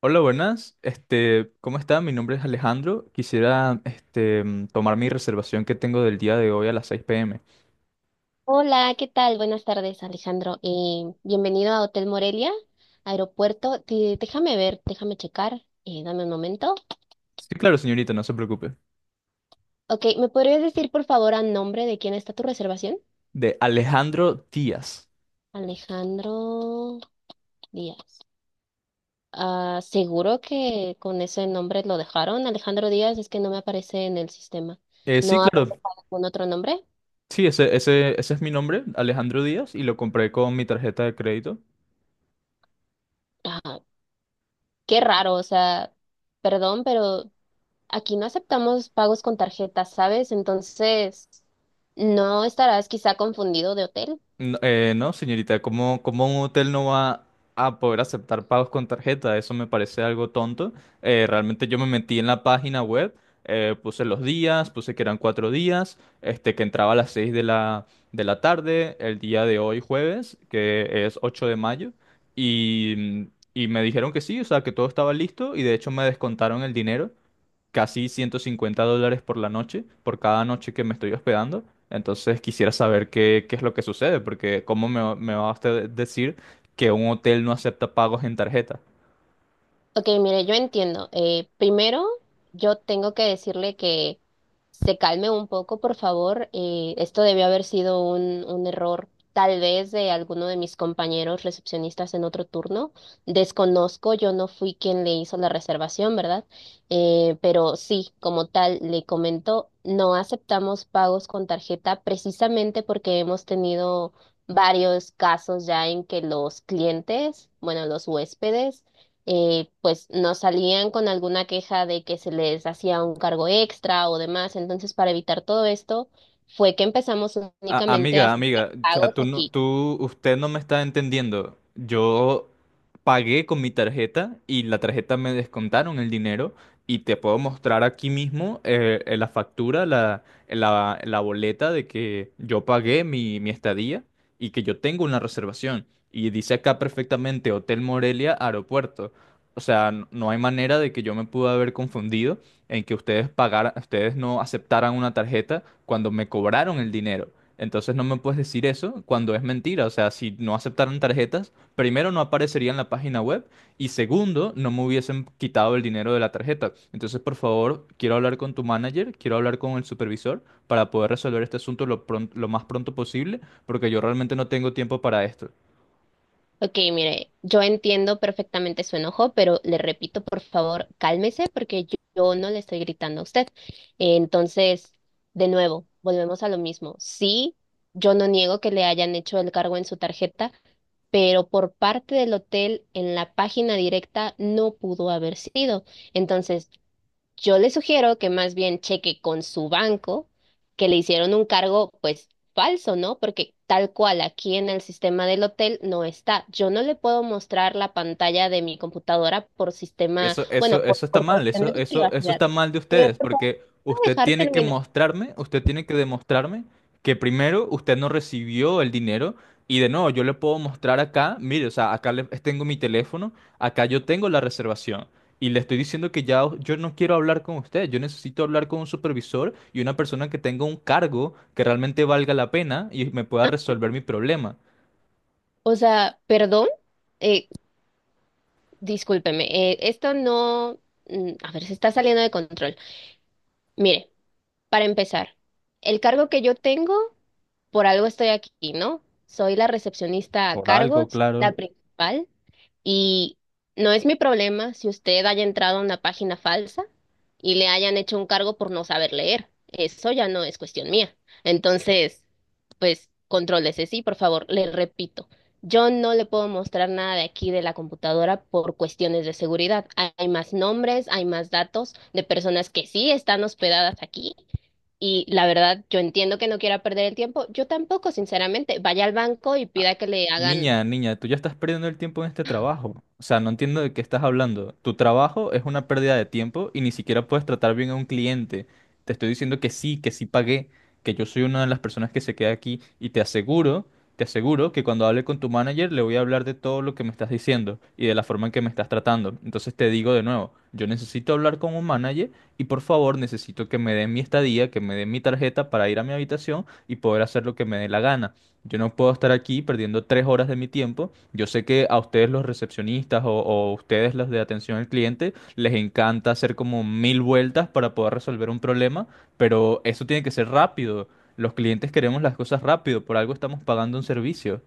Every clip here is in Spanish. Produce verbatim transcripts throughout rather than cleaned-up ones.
Hola, buenas. Este, ¿cómo está? Mi nombre es Alejandro. Quisiera, este, mm, tomar mi reservación que tengo del día de hoy a las seis p m. Hola, ¿qué tal? Buenas tardes, Alejandro. Eh, bienvenido a Hotel Morelia, aeropuerto. Te- déjame ver, déjame checar. Eh, dame un momento. Sí, claro, señorita, no se preocupe. Ok, ¿me podrías decir por favor a nombre de quién está tu reservación? De Alejandro Díaz. Alejandro Díaz. Ah, seguro que con ese nombre lo dejaron. Alejandro Díaz es que no me aparece en el sistema. Eh, sí, ¿No habrá claro. dejado algún otro nombre? Sí, ese, ese, ese es mi nombre, Alejandro Díaz, y lo compré con mi tarjeta de crédito. Ah, qué raro, o sea, perdón, pero aquí no aceptamos pagos con tarjetas, ¿sabes? Entonces, ¿no estarás quizá confundido de hotel? No, eh, no, señorita, ¿cómo, cómo un hotel no va a poder aceptar pagos con tarjeta? Eso me parece algo tonto. Eh, realmente yo me metí en la página web, eh, puse los días, puse que eran cuatro días, este, que entraba a las seis de la, de la tarde, el día de hoy jueves, que es ocho de mayo, y, y me dijeron que sí, o sea, que todo estaba listo y de hecho me descontaron el dinero casi ciento cincuenta dólares por la noche, por cada noche que me estoy hospedando. Entonces quisiera saber qué, qué es lo que sucede, porque ¿cómo me, va- me va a usted decir que un hotel no acepta pagos en tarjeta? Ok, mire, yo entiendo. Eh, primero, yo tengo que decirle que se calme un poco, por favor. Eh, esto debió haber sido un, un error, tal vez de alguno de mis compañeros recepcionistas en otro turno. Desconozco, yo no fui quien le hizo la reservación, ¿verdad? Eh, pero sí, como tal, le comento, no aceptamos pagos con tarjeta precisamente porque hemos tenido varios casos ya en que los clientes, bueno, los huéspedes, eh, pues nos salían con alguna queja de que se les hacía un cargo extra o demás. Entonces, para evitar todo esto, fue que empezamos A- únicamente a amiga, hacer amiga, o sea, pagos tú no, aquí. tú, usted no me está entendiendo. Yo pagué con mi tarjeta y la tarjeta me descontaron el dinero y te puedo mostrar aquí mismo eh, eh, la factura, la, la, la boleta de que yo pagué mi, mi estadía y que yo tengo una reservación. Y dice acá perfectamente Hotel Morelia Aeropuerto. O sea, n- no hay manera de que yo me pude haber confundido en que ustedes pagaran, ustedes no aceptaran una tarjeta cuando me cobraron el dinero. Entonces no me puedes decir eso cuando es mentira. O sea, si no aceptaran tarjetas, primero no aparecería en la página web y segundo, no me hubiesen quitado el dinero de la tarjeta. Entonces, por favor, quiero hablar con tu manager, quiero hablar con el supervisor para poder resolver este asunto lo, pron- lo más pronto posible, porque yo realmente no tengo tiempo para esto. Ok, mire, yo entiendo perfectamente su enojo, pero le repito, por favor, cálmese porque yo, yo no le estoy gritando a usted. Entonces, de nuevo, volvemos a lo mismo. Sí, yo no niego que le hayan hecho el cargo en su tarjeta, pero por parte del hotel en la página directa no pudo haber sido. Entonces, yo le sugiero que más bien cheque con su banco que le hicieron un cargo, pues falso, ¿no? Porque tal cual aquí en el sistema del hotel no está. Yo no le puedo mostrar la pantalla de mi computadora por sistema, Eso, bueno, eso, por, eso está por mal, eso, cuestiones de eso, eso privacidad. está mal de Señor, ustedes, por favor, porque ¿me ¿puede usted dejar tiene que terminar? mostrarme, usted tiene que demostrarme que primero usted no recibió el dinero y de nuevo yo le puedo mostrar acá, mire, o sea, acá le- tengo mi teléfono, acá yo tengo la reservación y le estoy diciendo que ya o- yo no quiero hablar con usted, yo necesito hablar con un supervisor y una persona que tenga un cargo que realmente valga la pena y me pueda resolver mi problema. O sea, perdón, eh, discúlpeme, eh, esto no, mm, a ver, se está saliendo de control. Mire. Para empezar, el cargo que yo tengo, por algo estoy aquí, ¿no? Soy la recepcionista a Por cargo, algo, es la claro. principal, y no es mi problema si usted haya entrado a una página falsa y le hayan hecho un cargo por no saber leer. Eso ya no es cuestión mía. Entonces, pues, contrólese, sí, por favor, le repito. Yo no le puedo mostrar nada de aquí de la computadora por cuestiones de seguridad. Hay hay más nombres, hay más datos de personas que sí están hospedadas aquí y la verdad, yo entiendo que no quiera perder el tiempo. Yo tampoco, sinceramente. Vaya al banco y pida que le hagan. Niña, niña, tú ya estás perdiendo el tiempo en este trabajo. O sea, no entiendo de qué estás hablando. Tu trabajo es una pérdida de tiempo y ni siquiera puedes tratar bien a un cliente. Te estoy diciendo que sí, que sí pagué, que yo soy una de las personas que se queda aquí y te aseguro, te aseguro que cuando hable con tu manager le voy a hablar de todo lo que me estás diciendo y de la forma en que me estás tratando. Entonces te digo de nuevo, yo necesito hablar con un manager y por favor necesito que me den mi estadía, que me den mi tarjeta para ir a mi habitación y poder hacer lo que me dé la gana. Yo no puedo estar aquí perdiendo tres horas de mi tiempo. Yo sé que a ustedes los recepcionistas o, o ustedes los de atención al cliente les encanta hacer como mil vueltas para poder resolver un problema, pero eso tiene que ser rápido. Los clientes queremos las cosas rápido, por algo estamos pagando un servicio.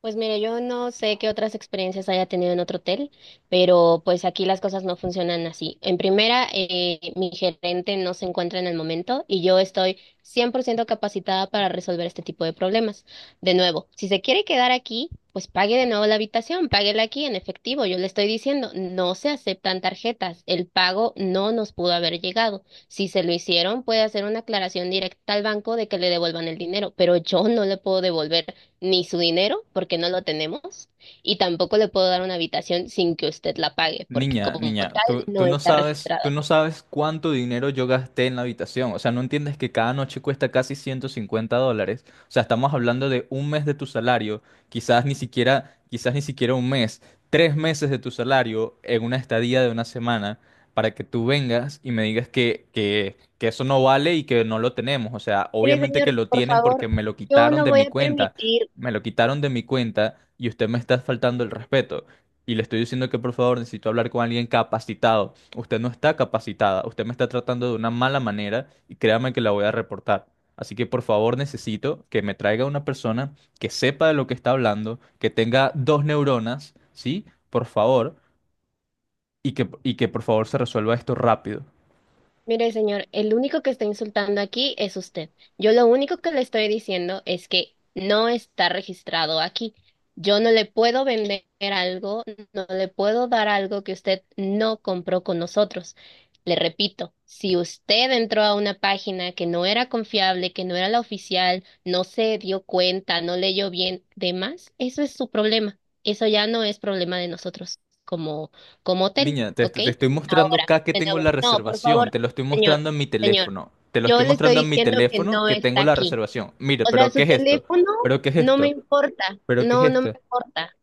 Pues mire, yo no sé qué otras experiencias haya tenido en otro hotel, pero pues aquí las cosas no funcionan así. En primera, eh, mi gerente no se encuentra en el momento y yo estoy cien por ciento capacitada para resolver este tipo de problemas. De nuevo, si se quiere quedar aquí, pues pague de nuevo la habitación, páguela aquí en efectivo. Yo le estoy diciendo, no se aceptan tarjetas. El pago no nos pudo haber llegado. Si se lo hicieron, puede hacer una aclaración directa al banco de que le devuelvan el dinero, pero yo no le puedo devolver ni su dinero, porque no lo tenemos, y tampoco le puedo dar una habitación sin que usted la pague, porque Niña, como niña, tú, tal tú no no está sabes, registrado tú no aquí. sabes cuánto dinero yo gasté en la habitación. O sea, no entiendes que cada noche cuesta casi ciento cincuenta dólares. O sea, estamos hablando de un mes de tu salario, quizás ni siquiera, quizás ni siquiera un mes, tres meses de tu salario en una estadía de una semana para que tú vengas y me digas que, que, que eso no vale y que no lo tenemos. O sea, Mire, obviamente que señor, lo por tienen favor, porque me lo yo quitaron no de voy mi a cuenta. permitir. Me lo quitaron de mi cuenta y usted me está faltando el respeto. Y le estoy diciendo que por favor necesito hablar con alguien capacitado. Usted no está capacitada, usted me está tratando de una mala manera y créame que la voy a reportar. Así que por favor necesito que me traiga una persona que sepa de lo que está hablando, que tenga dos neuronas, ¿sí? Por favor, y que, y que por favor se resuelva esto rápido. Mire, señor, el único que está insultando aquí es usted. Yo lo único que le estoy diciendo es que no está registrado aquí. Yo no le puedo vender algo, no le puedo dar algo que usted no compró con nosotros. Le repito, si usted entró a una página que no era confiable, que no era la oficial, no se dio cuenta, no leyó bien, demás, eso es su problema. Eso ya no es problema de nosotros como, como hotel, Niña, te, ¿ok? te estoy mostrando Ahora, acá que de tengo nuevo, la no, por reservación, favor. te lo estoy Señor, mostrando en mi señor, teléfono, te lo yo estoy le estoy mostrando en mi diciendo que teléfono no que tengo está la aquí. reservación. Mire, O sea, pero ¿qué su es esto? teléfono ¿Pero qué es no me esto? importa, ¿Pero qué es no, no me esto? importa.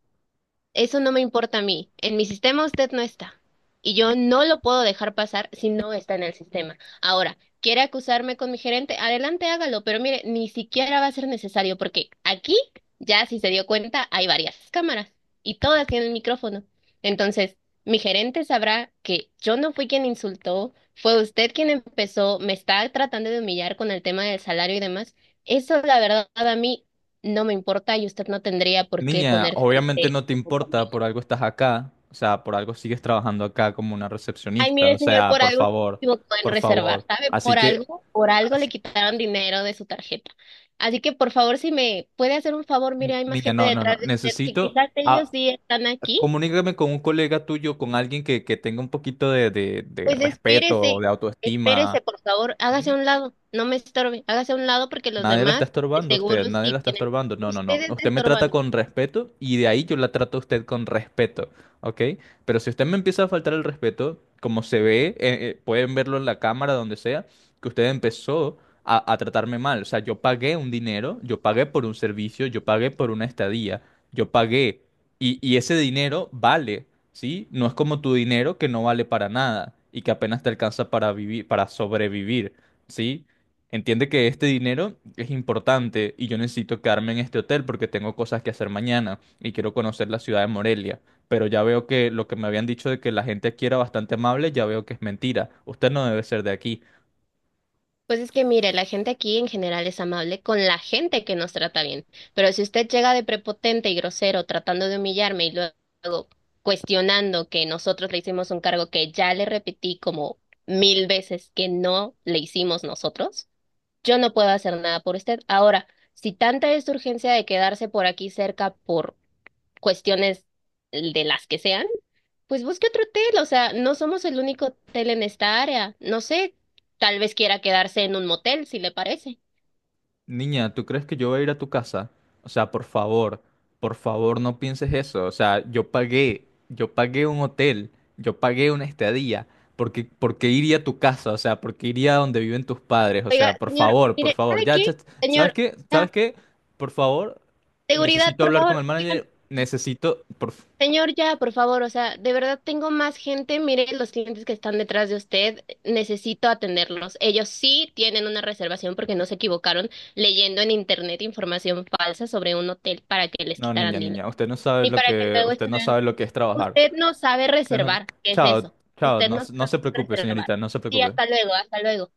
Eso no me importa a mí. En mi sistema usted no está. Y yo no lo puedo dejar pasar si no está en el sistema. Ahora, ¿quiere acusarme con mi gerente? Adelante, hágalo. Pero mire, ni siquiera va a ser necesario porque aquí, ya si se dio cuenta, hay varias cámaras y todas tienen micrófono. Entonces, mi gerente sabrá que yo no fui quien insultó, fue usted quien empezó, me está tratando de humillar con el tema del salario y demás. Eso, la verdad, a mí no me importa y usted no tendría por qué Niña, ponerse obviamente eh, no te como importa, conmigo. por algo estás acá, o sea, por algo sigues trabajando acá como una Ay, recepcionista, o mire, señor, sea, por por algo se favor, equivocó en por reservar, favor. ¿sabe? Así Por que, algo, por algo le as- quitaron dinero de su tarjeta. Así que, por favor, si me puede hacer un favor, mire, n- hay más niña, gente no, no, no, detrás de usted que necesito, quizás ellos a, sí están aquí. comunícame con un colega tuyo, con alguien que, que tenga un poquito de, de, de Pues respeto, espérese, de autoestima. espérese, por favor, hágase a un lado, no me estorbe, hágase a un lado porque los Nadie la está demás de estorbando a usted, seguro nadie la sí está tienen. estorbando. No, no, Usted no. está Usted me trata estorbando. con respeto y de ahí yo la trato a usted con respeto, ¿ok? Pero si usted me empieza a faltar el respeto, como se ve, eh, eh, pueden verlo en la cámara, donde sea, que usted empezó a, a tratarme mal. O sea, yo pagué un dinero, yo pagué por un servicio, yo pagué por una estadía, yo pagué. Y, y ese dinero vale, ¿sí? No es como tu dinero que no vale para nada y que apenas te alcanza para vivir, para sobrevivir. ¿Sí? Entiende que este dinero es importante y yo necesito quedarme en este hotel porque tengo cosas que hacer mañana y quiero conocer la ciudad de Morelia. Pero ya veo que lo que me habían dicho de que la gente aquí era bastante amable, ya veo que es mentira. Usted no debe ser de aquí. Pues es que mire, la gente aquí en general es amable con la gente que nos trata bien, pero si usted llega de prepotente y grosero tratando de humillarme y luego cuestionando que nosotros le hicimos un cargo que ya le repetí como mil veces que no le hicimos nosotros, yo no puedo hacer nada por usted. Ahora, si tanta es su urgencia de quedarse por aquí cerca por cuestiones de las que sean, pues busque otro hotel, o sea, no somos el único hotel en esta área. No sé, tal vez quiera quedarse en un motel, si le parece. Niña, ¿tú crees que yo voy a ir a tu casa? O sea, por favor, por favor no pienses eso. O sea, yo pagué, yo pagué un hotel, yo pagué una estadía. ¿Por qué, por qué iría a tu casa? O sea, ¿por qué iría a donde viven tus padres? O Oiga, sea, por señor, favor, por mire, favor. ¿sabe Ya, qué? ya, ¿sabes Señor, qué? ya, ¿Sabes qué? Por favor, seguridad, necesito por hablar con el favor, oigan. manager. Necesito, por... f- Señor, ya, por favor, o sea, de verdad tengo más gente. Mire los clientes que están detrás de usted. Necesito atenderlos. Ellos sí tienen una reservación porque no se equivocaron leyendo en internet información falsa sobre un hotel para que les No, niña, quitaran dinero. niña, usted no sabe Y lo para que que, luego usted no estuvieran. sabe lo que es trabajar. Usted no sabe Usted no- reservar. ¿Qué es Chao, eso? chao, Usted no, no no sabe se preocupe, reservar. señorita, no se Sí, preocupe. hasta luego, hasta luego.